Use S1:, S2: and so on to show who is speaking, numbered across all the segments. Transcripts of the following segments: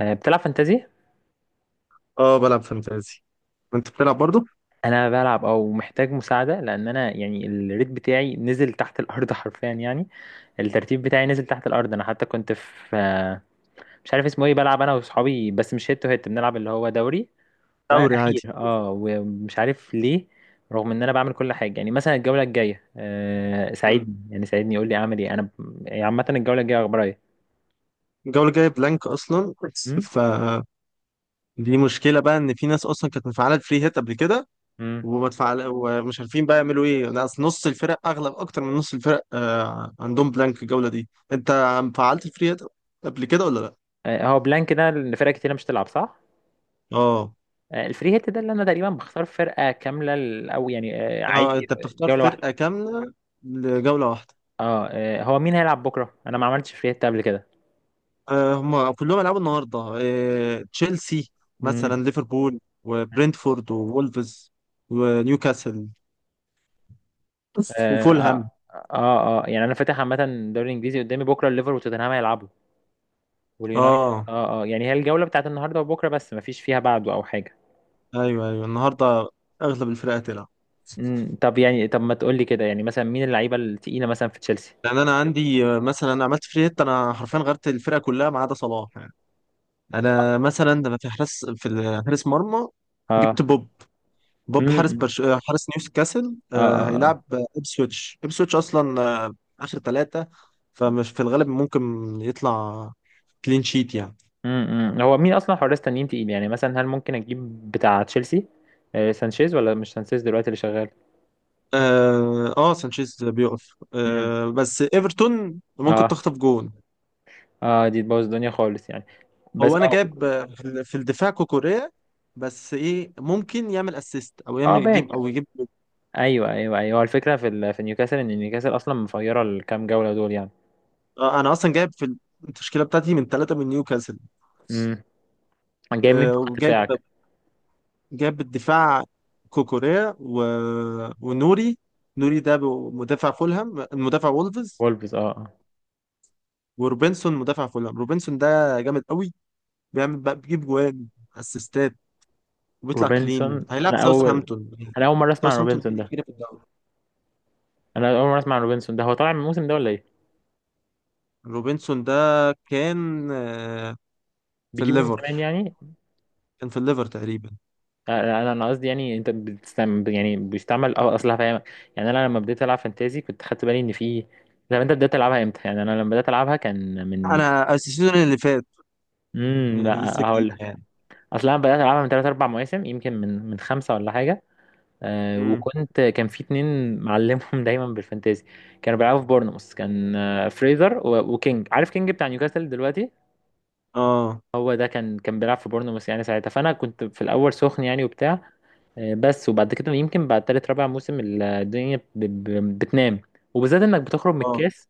S1: بتلعب فانتازي؟
S2: اه بلعب فانتازي. انت بتلعب برضو؟
S1: انا بلعب او محتاج مساعده، لان انا يعني الريت بتاعي نزل تحت الارض حرفيا يعني. الترتيب بتاعي نزل تحت الارض. انا حتى كنت في مش عارف اسمه ايه، بلعب انا واصحابي، بس مش هيت تو هيت، بنلعب اللي هو دوري.
S2: دوري
S1: واخير
S2: عادي.
S1: ومش عارف ليه، رغم ان انا بعمل كل حاجه. يعني مثلا الجوله الجايه
S2: مم.
S1: ساعدني، يعني ساعدني يقول لي اعمل ايه. انا عامه الجوله الجايه اخبارها ايه؟
S2: الجولة الجاية بلانك أصلا،
S1: أمم؟
S2: فدي مشكلة بقى، إن في ناس أصلا كانت مفعلة الفري هيت قبل كده
S1: أمم.
S2: وما تفعل ومش عارفين بقى يعملوا ايه. نص الفرق، اغلب اكتر من نص الفرق عندهم بلانك الجوله دي. انت فعلت الفري هيت قبل كده ولا لا؟
S1: هو بلانك ده إن فرق كتير مش تلعب صح.
S2: اه.
S1: الفري هيت ده اللي انا تقريبا بختار فرقه كامله او يعني عادي.
S2: انت بتختار
S1: جوله واحده.
S2: فرقه كامله لجوله واحده.
S1: هو مين هيلعب بكره؟ انا ما عملتش فري هيت قبل كده.
S2: هم كلهم هيلعبوا النهارده، تشيلسي
S1: امم.
S2: مثلا، ليفربول وبرنتفورد وولفز ونيوكاسل
S1: اه.
S2: وفولهام.
S1: اه اه آه. يعني انا فاتح عامه الدوري الانجليزي قدامي، بكره الليفر وتوتنهام هيلعبوا واليونايتد.
S2: اه،
S1: اه يعني هي الجوله بتاعت النهارده وبكره، بس ما فيش فيها بعده او حاجه.
S2: ايوه ايوه، النهارده اغلب الفرق هتلعب.
S1: امم. طب يعني، طب ما تقول لي كده، يعني مثلا مين اللعيبه التقيله مثلا في تشيلسي؟
S2: لان انا عندي، مثلا أنا عملت فري هيت، انا حرفيا غيرت الفرقه كلها ما عدا صلاح يعني. انا مثلا لما في حارس، حارس مرمى، جبت
S1: اه.
S2: بوب حارس
S1: امم.
S2: حارس نيوكاسل.
S1: اه اه آه.
S2: هيلعب ابسويتش اصلا اخر ثلاثه، فمش في الغالب ممكن يطلع كلين شيت يعني.
S1: هو مين اصلا حراس تانيين تقيل، يعني مثلا هل ممكن اجيب بتاع تشيلسي سانشيز، ولا مش سانشيز دلوقتي اللي شغال؟
S2: اه. سانشيز بيقف،
S1: امم.
S2: آه بس ايفرتون ممكن
S1: اه.
S2: تخطف جون.
S1: اه، دي تبوظ الدنيا خالص يعني، بس
S2: هو انا
S1: اه.
S2: جايب، في الدفاع كوكوريا، بس ايه ممكن يعمل اسيست او
S1: اه
S2: يعمل
S1: باك.
S2: يجيب او يجيب.
S1: ايوه ايوه ايوه، هو الفكره في في نيوكاسل ان نيوكاسل اصلا مفيره الكام جوله دول يعني.
S2: انا اصلا جايب في التشكيله بتاعتي من ثلاثه من نيوكاسل.
S1: امم. جايب مين في خط
S2: وجايب،
S1: دفاعك؟
S2: جايب الدفاع كوكوريا ونوري. نوري ده مدافع فولهام، مدافع وولفز.
S1: وولفز. اه آه.
S2: وروبنسون مدافع فولهام. روبنسون ده جامد قوي، بيعمل بقى، بيجيب جوان، اسيستات، وبيطلع كلين.
S1: روبنسون،
S2: هيلعب
S1: انا اول
S2: ساوثهامبتون.
S1: انا اول مره اسمع عن
S2: ساوثهامبتون دي
S1: روبنسون ده.
S2: الأخيرة في الدوري.
S1: انا اول مره اسمع عن روبنسون ده، هو طالع من الموسم ده ولا ايه؟
S2: روبنسون ده كان، في
S1: بيجيبه من
S2: الليفر،
S1: زمان يعني؟
S2: كان في الليفر تقريبا.
S1: انا قصدي، يعني انت بتستعمل، يعني بيستعمل، اصل هفهمك. يعني انا لما بديت العب فانتازي كنت خدت بالي ان في. طب انت بدات تلعبها امتى؟ يعني انا لما بدات العبها كان من.
S2: انا السيزون اللي فات
S1: امم.
S2: يعني،
S1: لا،
S2: لسه جديد.
S1: هقول لك، اصل انا بدات العبها من 3 4 مواسم، يمكن من خمسه ولا حاجه.
S2: يعني
S1: وكنت كان في اتنين معلمهم دايما بالفانتازي. كانوا بيلعبوا في بورنموث، كان فريزر وكينج، عارف كينج بتاع نيوكاسل دلوقتي؟
S2: اه
S1: هو ده كان، بيلعب في بورنموث يعني ساعتها. فانا كنت في الاول سخن يعني وبتاع، بس. وبعد كده يمكن بعد تالت رابع موسم الدنيا بتنام، وبالذات انك بتخرج من
S2: اه،
S1: الكاس.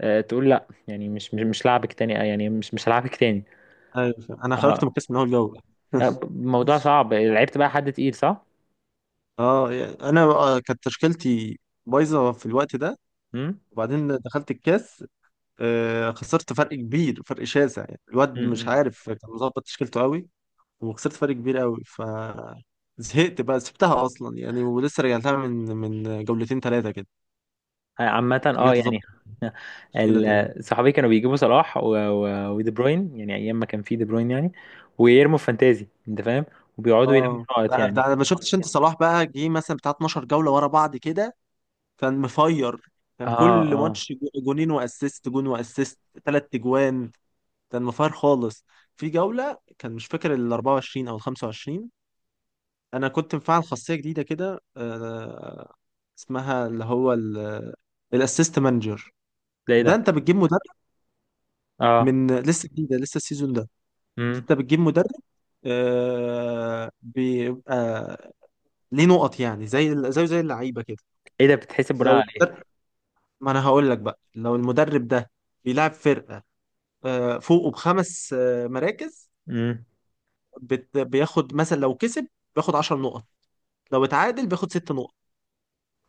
S1: تقول لا، يعني مش لعبك تاني، يعني مش هلعبك تاني.
S2: ايوه، فاهم. انا خرجت
S1: اه
S2: مكاس من اول جوله.
S1: موضوع صعب. لعبت بقى حد تقيل، صح؟
S2: اه يعني انا، كانت تشكيلتي بايظه في الوقت ده.
S1: امم
S2: وبعدين دخلت الكاس، خسرت فرق كبير، فرق شاسع يعني، الواد مش
S1: امم.
S2: عارف كان مظبط تشكيلته قوي. وخسرت فرق كبير قوي، ف زهقت بقى، سبتها اصلا يعني، ولسه رجعتها من جولتين ثلاثه كده.
S1: عامة
S2: رجعت
S1: يعني.
S2: اظبط التشكيله تاني.
S1: صحابي كانوا بيجيبوا صلاح ودي بروين، يعني ايام ما كان في دي بروين يعني، ويرموا في فانتازي انت فاهم، وبيقعدوا يلموا
S2: اه
S1: نقط
S2: ده
S1: يعني.
S2: ده ما شفتش انت؟ صلاح بقى جه مثلا بتاع 12 جوله ورا بعض كده، كان مفير.
S1: اه
S2: كان كل
S1: اه.
S2: ماتش جونين واسيست، جون واسيست، ثلاث اجوان. كان مفير خالص. في جولة، كان مش فاكر ال 24 او ال 25، انا كنت مفعل خاصية جديدة كده، اسمها اللي هو الاسيست مانجر.
S1: ده ايه
S2: ده
S1: ده؟
S2: انت بتجيب مدرب
S1: اه.
S2: من، لسه جديدة، لسه السيزون ده.
S1: امم
S2: انت بتجيب مدرب بيبقى ليه نقط، يعني زي اللعيبة كده.
S1: ايه ده، بتتحسب بناء
S2: لو
S1: على
S2: المدرب، ما انا هقول لك بقى، لو المدرب ده بيلعب فرقة فوقه بخمس مراكز،
S1: ايه؟
S2: بياخد مثلا. لو كسب بياخد 10 نقط، لو اتعادل بياخد 6 نقط،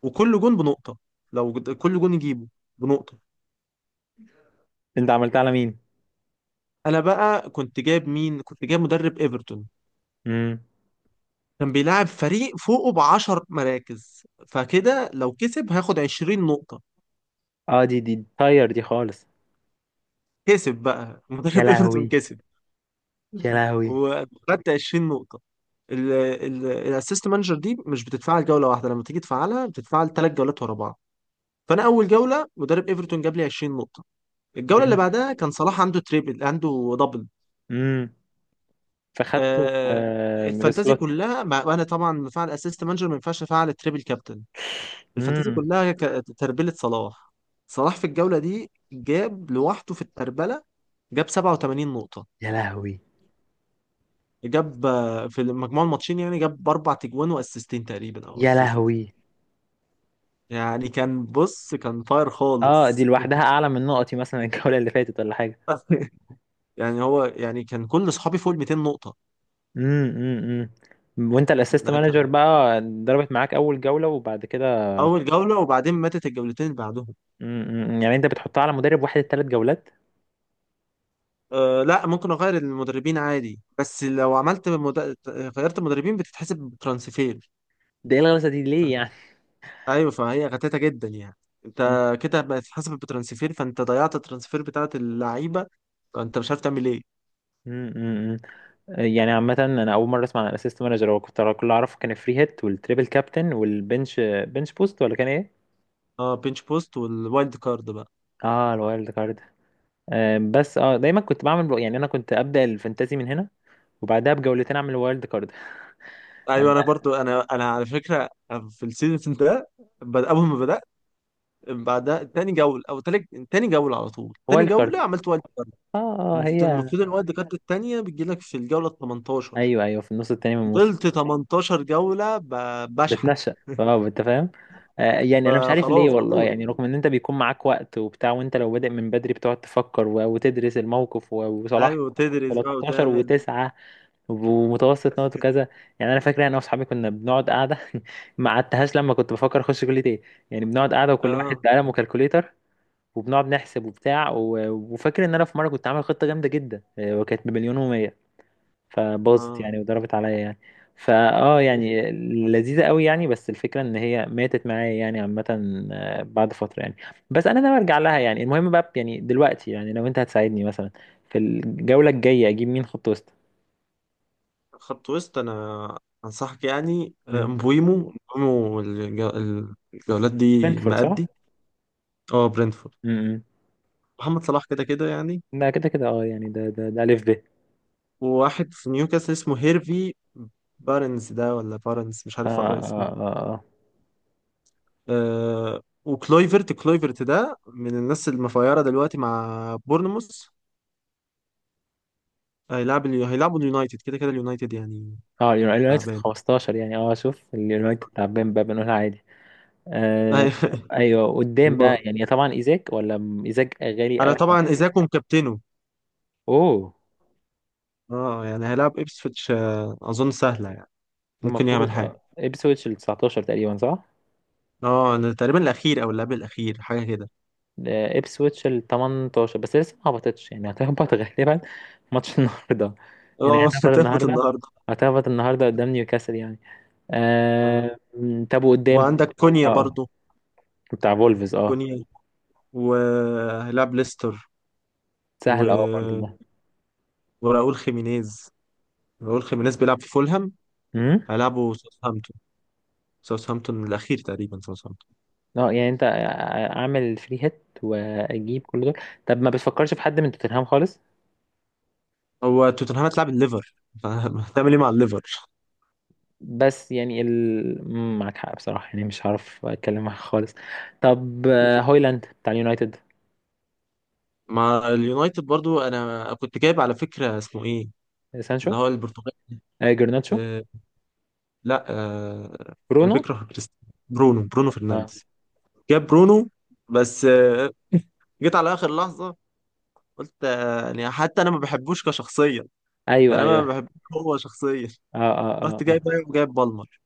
S2: وكل جون بنقطة. كل جون يجيبه بنقطة.
S1: انت عملتها على مين؟
S2: انا بقى كنت جايب مين؟ كنت جايب مدرب ايفرتون.
S1: امم.
S2: كان بيلعب فريق فوقه ب 10 مراكز. فكده لو كسب هياخد 20 نقطة.
S1: اه، دي طاير دي خالص.
S2: كسب بقى
S1: يا
S2: مدرب ايفرتون
S1: لهوي.
S2: كسب،
S1: يا لهوي.
S2: وخدت 20 نقطة. الاسيست مانجر دي مش بتتفعل جولة واحدة، لما تيجي تفعلها بتتفعل ثلاث جولات ورا بعض. فانا اول جوله مدرب ايفرتون جاب لي 20 نقطه. الجوله اللي
S1: امم
S2: بعدها كان صلاح عنده تريبل، عنده دبل.
S1: امم. فخدت.
S2: آه،
S1: آه
S2: الفانتازي
S1: سلوت.
S2: كلها مع، وانا طبعا مفعل اسيست مانجر، ما ينفعش افعل تريبل كابتن. الفانتازي
S1: امم.
S2: كلها تربله صلاح. صلاح في الجوله دي جاب لوحده في التربله جاب 87 نقطه.
S1: يا لهوي.
S2: جاب، في مجموع الماتشين يعني، جاب اربع تجوان واسيستين تقريبا او
S1: يا
S2: اسيست
S1: لهوي.
S2: يعني. كان بص، كان فاير
S1: اه، دي
S2: خالص.
S1: لوحدها اعلى من نقطي مثلا الجولة اللي فاتت ولا حاجة.
S2: يعني هو، يعني كان كل اصحابي فوق ال 200 نقطه.
S1: امم. وانت الاسيست
S2: ده
S1: مانجر
S2: كان
S1: بقى ضربت معاك اول جولة، وبعد كده؟
S2: اول جولة، وبعدين ماتت الجولتين اللي بعدهم.
S1: يعني انت بتحطها على مدرب واحد ال 3 جولات؟
S2: أه لا، ممكن اغير المدربين عادي. بس لو عملت غيرت المدربين بتتحسب بترانسفير.
S1: ده ايه الغلسة دي ليه يعني؟
S2: ايوه، فهي غتاتة جدا يعني. انت
S1: امم
S2: كده بتتحسب بترانسفير، فانت ضيعت الترانسفير بتاعت اللعيبة، فانت مش عارف تعمل ايه.
S1: امم. يعني عامة، أنا أول مرة أسمع عن الأسيست مانجر. هو كنت كل اللي أعرفه كان الفري هيت والتريبل كابتن والبنش، بنش بوست، ولا كان إيه؟
S2: اه، بينش بوست والوايلد كارد بقى.
S1: آه الوايلد كارد. بس دايما كنت بعمل، يعني أنا كنت أبدأ الفانتازي من هنا، وبعدها بجولتين أعمل الوايلد كارد.
S2: ايوه
S1: آه
S2: انا برضو، انا على فكره في السيزون ده، اول ما بدات، بعدها تاني جوله او تالت، تاني جوله على طول، تاني
S1: وايلد
S2: جوله
S1: كارد.
S2: عملت.
S1: هي.
S2: المفروض الوقت كارت التانية بتجيلك في الجولة ال 18.
S1: أيوه أيوه، في النص التاني من الموسم
S2: فضلت 18 جولة بشحت.
S1: بتنشأ، أنت فاهم؟ يعني أنا مش عارف ليه
S2: فخلاص
S1: والله،
S2: بموت.
S1: يعني رغم إن أنت بيكون معاك وقت وبتاع، وأنت لو بادئ من بدري بتقعد تفكر وتدرس الموقف وصلاح
S2: ايوه، تدرس بقى
S1: 13
S2: وتعمل.
S1: و9 ومتوسط نقط وكذا. يعني انا فاكر انا واصحابي كنا بنقعد قاعده. ما قعدتهاش لما كنت بفكر اخش كليه ايه. يعني بنقعد قاعده، وكل واحد
S2: اه
S1: بقلم وكالكوليتر، وبنقعد نحسب وبتاع وفاكر ان انا في مره كنت عامل خطه جامده جدا، وكانت بمليون ومية، فباظت
S2: اه.
S1: يعني وضربت عليا يعني. فا اه يعني لذيذه قوي يعني، بس الفكره ان هي ماتت معايا يعني عامه بعد فتره يعني. بس انا ناوي ارجع لها يعني. المهم بقى، يعني دلوقتي، يعني لو انت هتساعدني مثلا في الجوله الجايه، اجيب مين خط وسط؟
S2: خط وسط، انا انصحك يعني،
S1: مم.
S2: مبويمو. الجولات دي
S1: فرانكفورت صح؟
S2: مأدي. اه، برينتفورد.
S1: امم.
S2: محمد صلاح كده كده يعني.
S1: ده كده كده، يعني ده الف ب.
S2: وواحد في نيوكاسل اسمه هيرفي بارنز، ده ولا بارنز، مش
S1: اه
S2: عارف اقرا اسمه.
S1: اه اه اه
S2: وكلويفرت. كلويفرت ده من الناس المفايرة دلوقتي مع بورنموث. هيلعب هيلعبوا اليونايتد كده كده، اليونايتد يعني
S1: اه، اليونايتد
S2: تعبان.
S1: 15 يعني. اه شوف، اليونايتد تعبان بقى، بنقولها عادي. آه. ايوه، قدام بقى
S2: و-
S1: يعني طبعا ايزاك، ولا ايزاك غالي
S2: انا
S1: قوي؟
S2: طبعا ايزاكم كابتنه.
S1: اوه.
S2: اه يعني هيلعب ابسفيتش، اظن سهلة يعني، ممكن يعمل
S1: المفروض
S2: حاجة.
S1: ابسويتش ال 19 تقريبا، صح؟
S2: اه، أنا تقريبا الاخير، او اللعب الاخير، حاجة كده.
S1: ابسويتش ال 18 بس لسه ما هبطتش، يعني هتهبط غالبا ماتش النهارده. يعني
S2: اه
S1: هتهبط
S2: هتهبط
S1: النهارده.
S2: النهارده.
S1: هتهبط النهارده قدام نيوكاسل يعني.
S2: آه.
S1: آه م، طب وقدام؟
S2: وعندك كونيا
S1: اه.
S2: برضو.
S1: بتاع فولفز
S2: كونيا وهيلعب ليستر.
S1: سهل برضه
S2: و...
S1: ده.
S2: وراؤول خيمينيز. راؤول خيمينيز بيلعب في فولهام،
S1: امم.
S2: هيلعبوا ساوثهامبتون الاخير تقريبا، ساوثهامبتون.
S1: اه يعني انت، اعمل فري هيت واجيب كل دول؟ طب ما بتفكرش في حد من توتنهام خالص؟
S2: هو توتنهام هتلعب الليفر فهتعمل ايه مع الليفر؟
S1: بس يعني ال... مم، معاك حق بصراحة، يعني مش هعرف اتكلم معاك خالص. طب هويلاند بتاع اليونايتد.
S2: مع اليونايتد برضو، انا كنت جايب على فكره اسمه ايه، اللي
S1: سانشو.
S2: هو البرتغالي.
S1: جرناتشو.
S2: آه لا آه، اللي
S1: برونو.
S2: بيكره كريستيانو، برونو، برونو
S1: اه
S2: فرنانديز. جاب برونو، بس جيت على اخر لحظه، قلت آه يعني حتى انا ما بحبوش كشخصيه،
S1: ايوه
S2: يعني انا ما
S1: ايوه.
S2: بحبوش هو شخصيا.
S1: اه اه اه
S2: رحت جايب
S1: اه.
S2: جايب بالمر.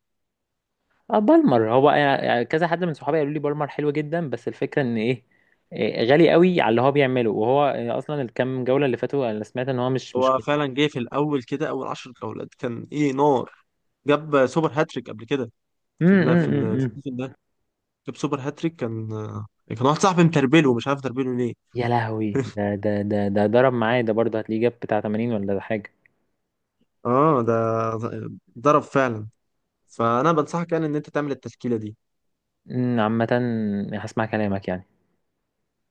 S1: بالمر. هو يعني كذا حد من صحابي قالوا لي بالمر حلو جدا، بس الفكرة ان ايه، إيه، غالي قوي على اللي هو بيعمله، وهو اصلا الكام جولة اللي فاتوا انا سمعت ان هو مش.
S2: هو فعلا جه في الاول كده، اول 10 جولات كان ايه نار، جاب سوبر هاتريك قبل كده. في لا في
S1: كويس.
S2: السيزون ده جاب سوبر هاتريك. كان واحد صاحبي متربله، مش عارف تربله ليه.
S1: يا لهوي، ده ده ده ده ضرب معايا، ده برضه هتلاقيه جاب بتاع 80 ولا ده حاجة.
S2: اه ده ضرب فعلا. فانا بنصحك يعني ان انت تعمل التشكيله دي.
S1: عامة، هسمع كلامك يعني.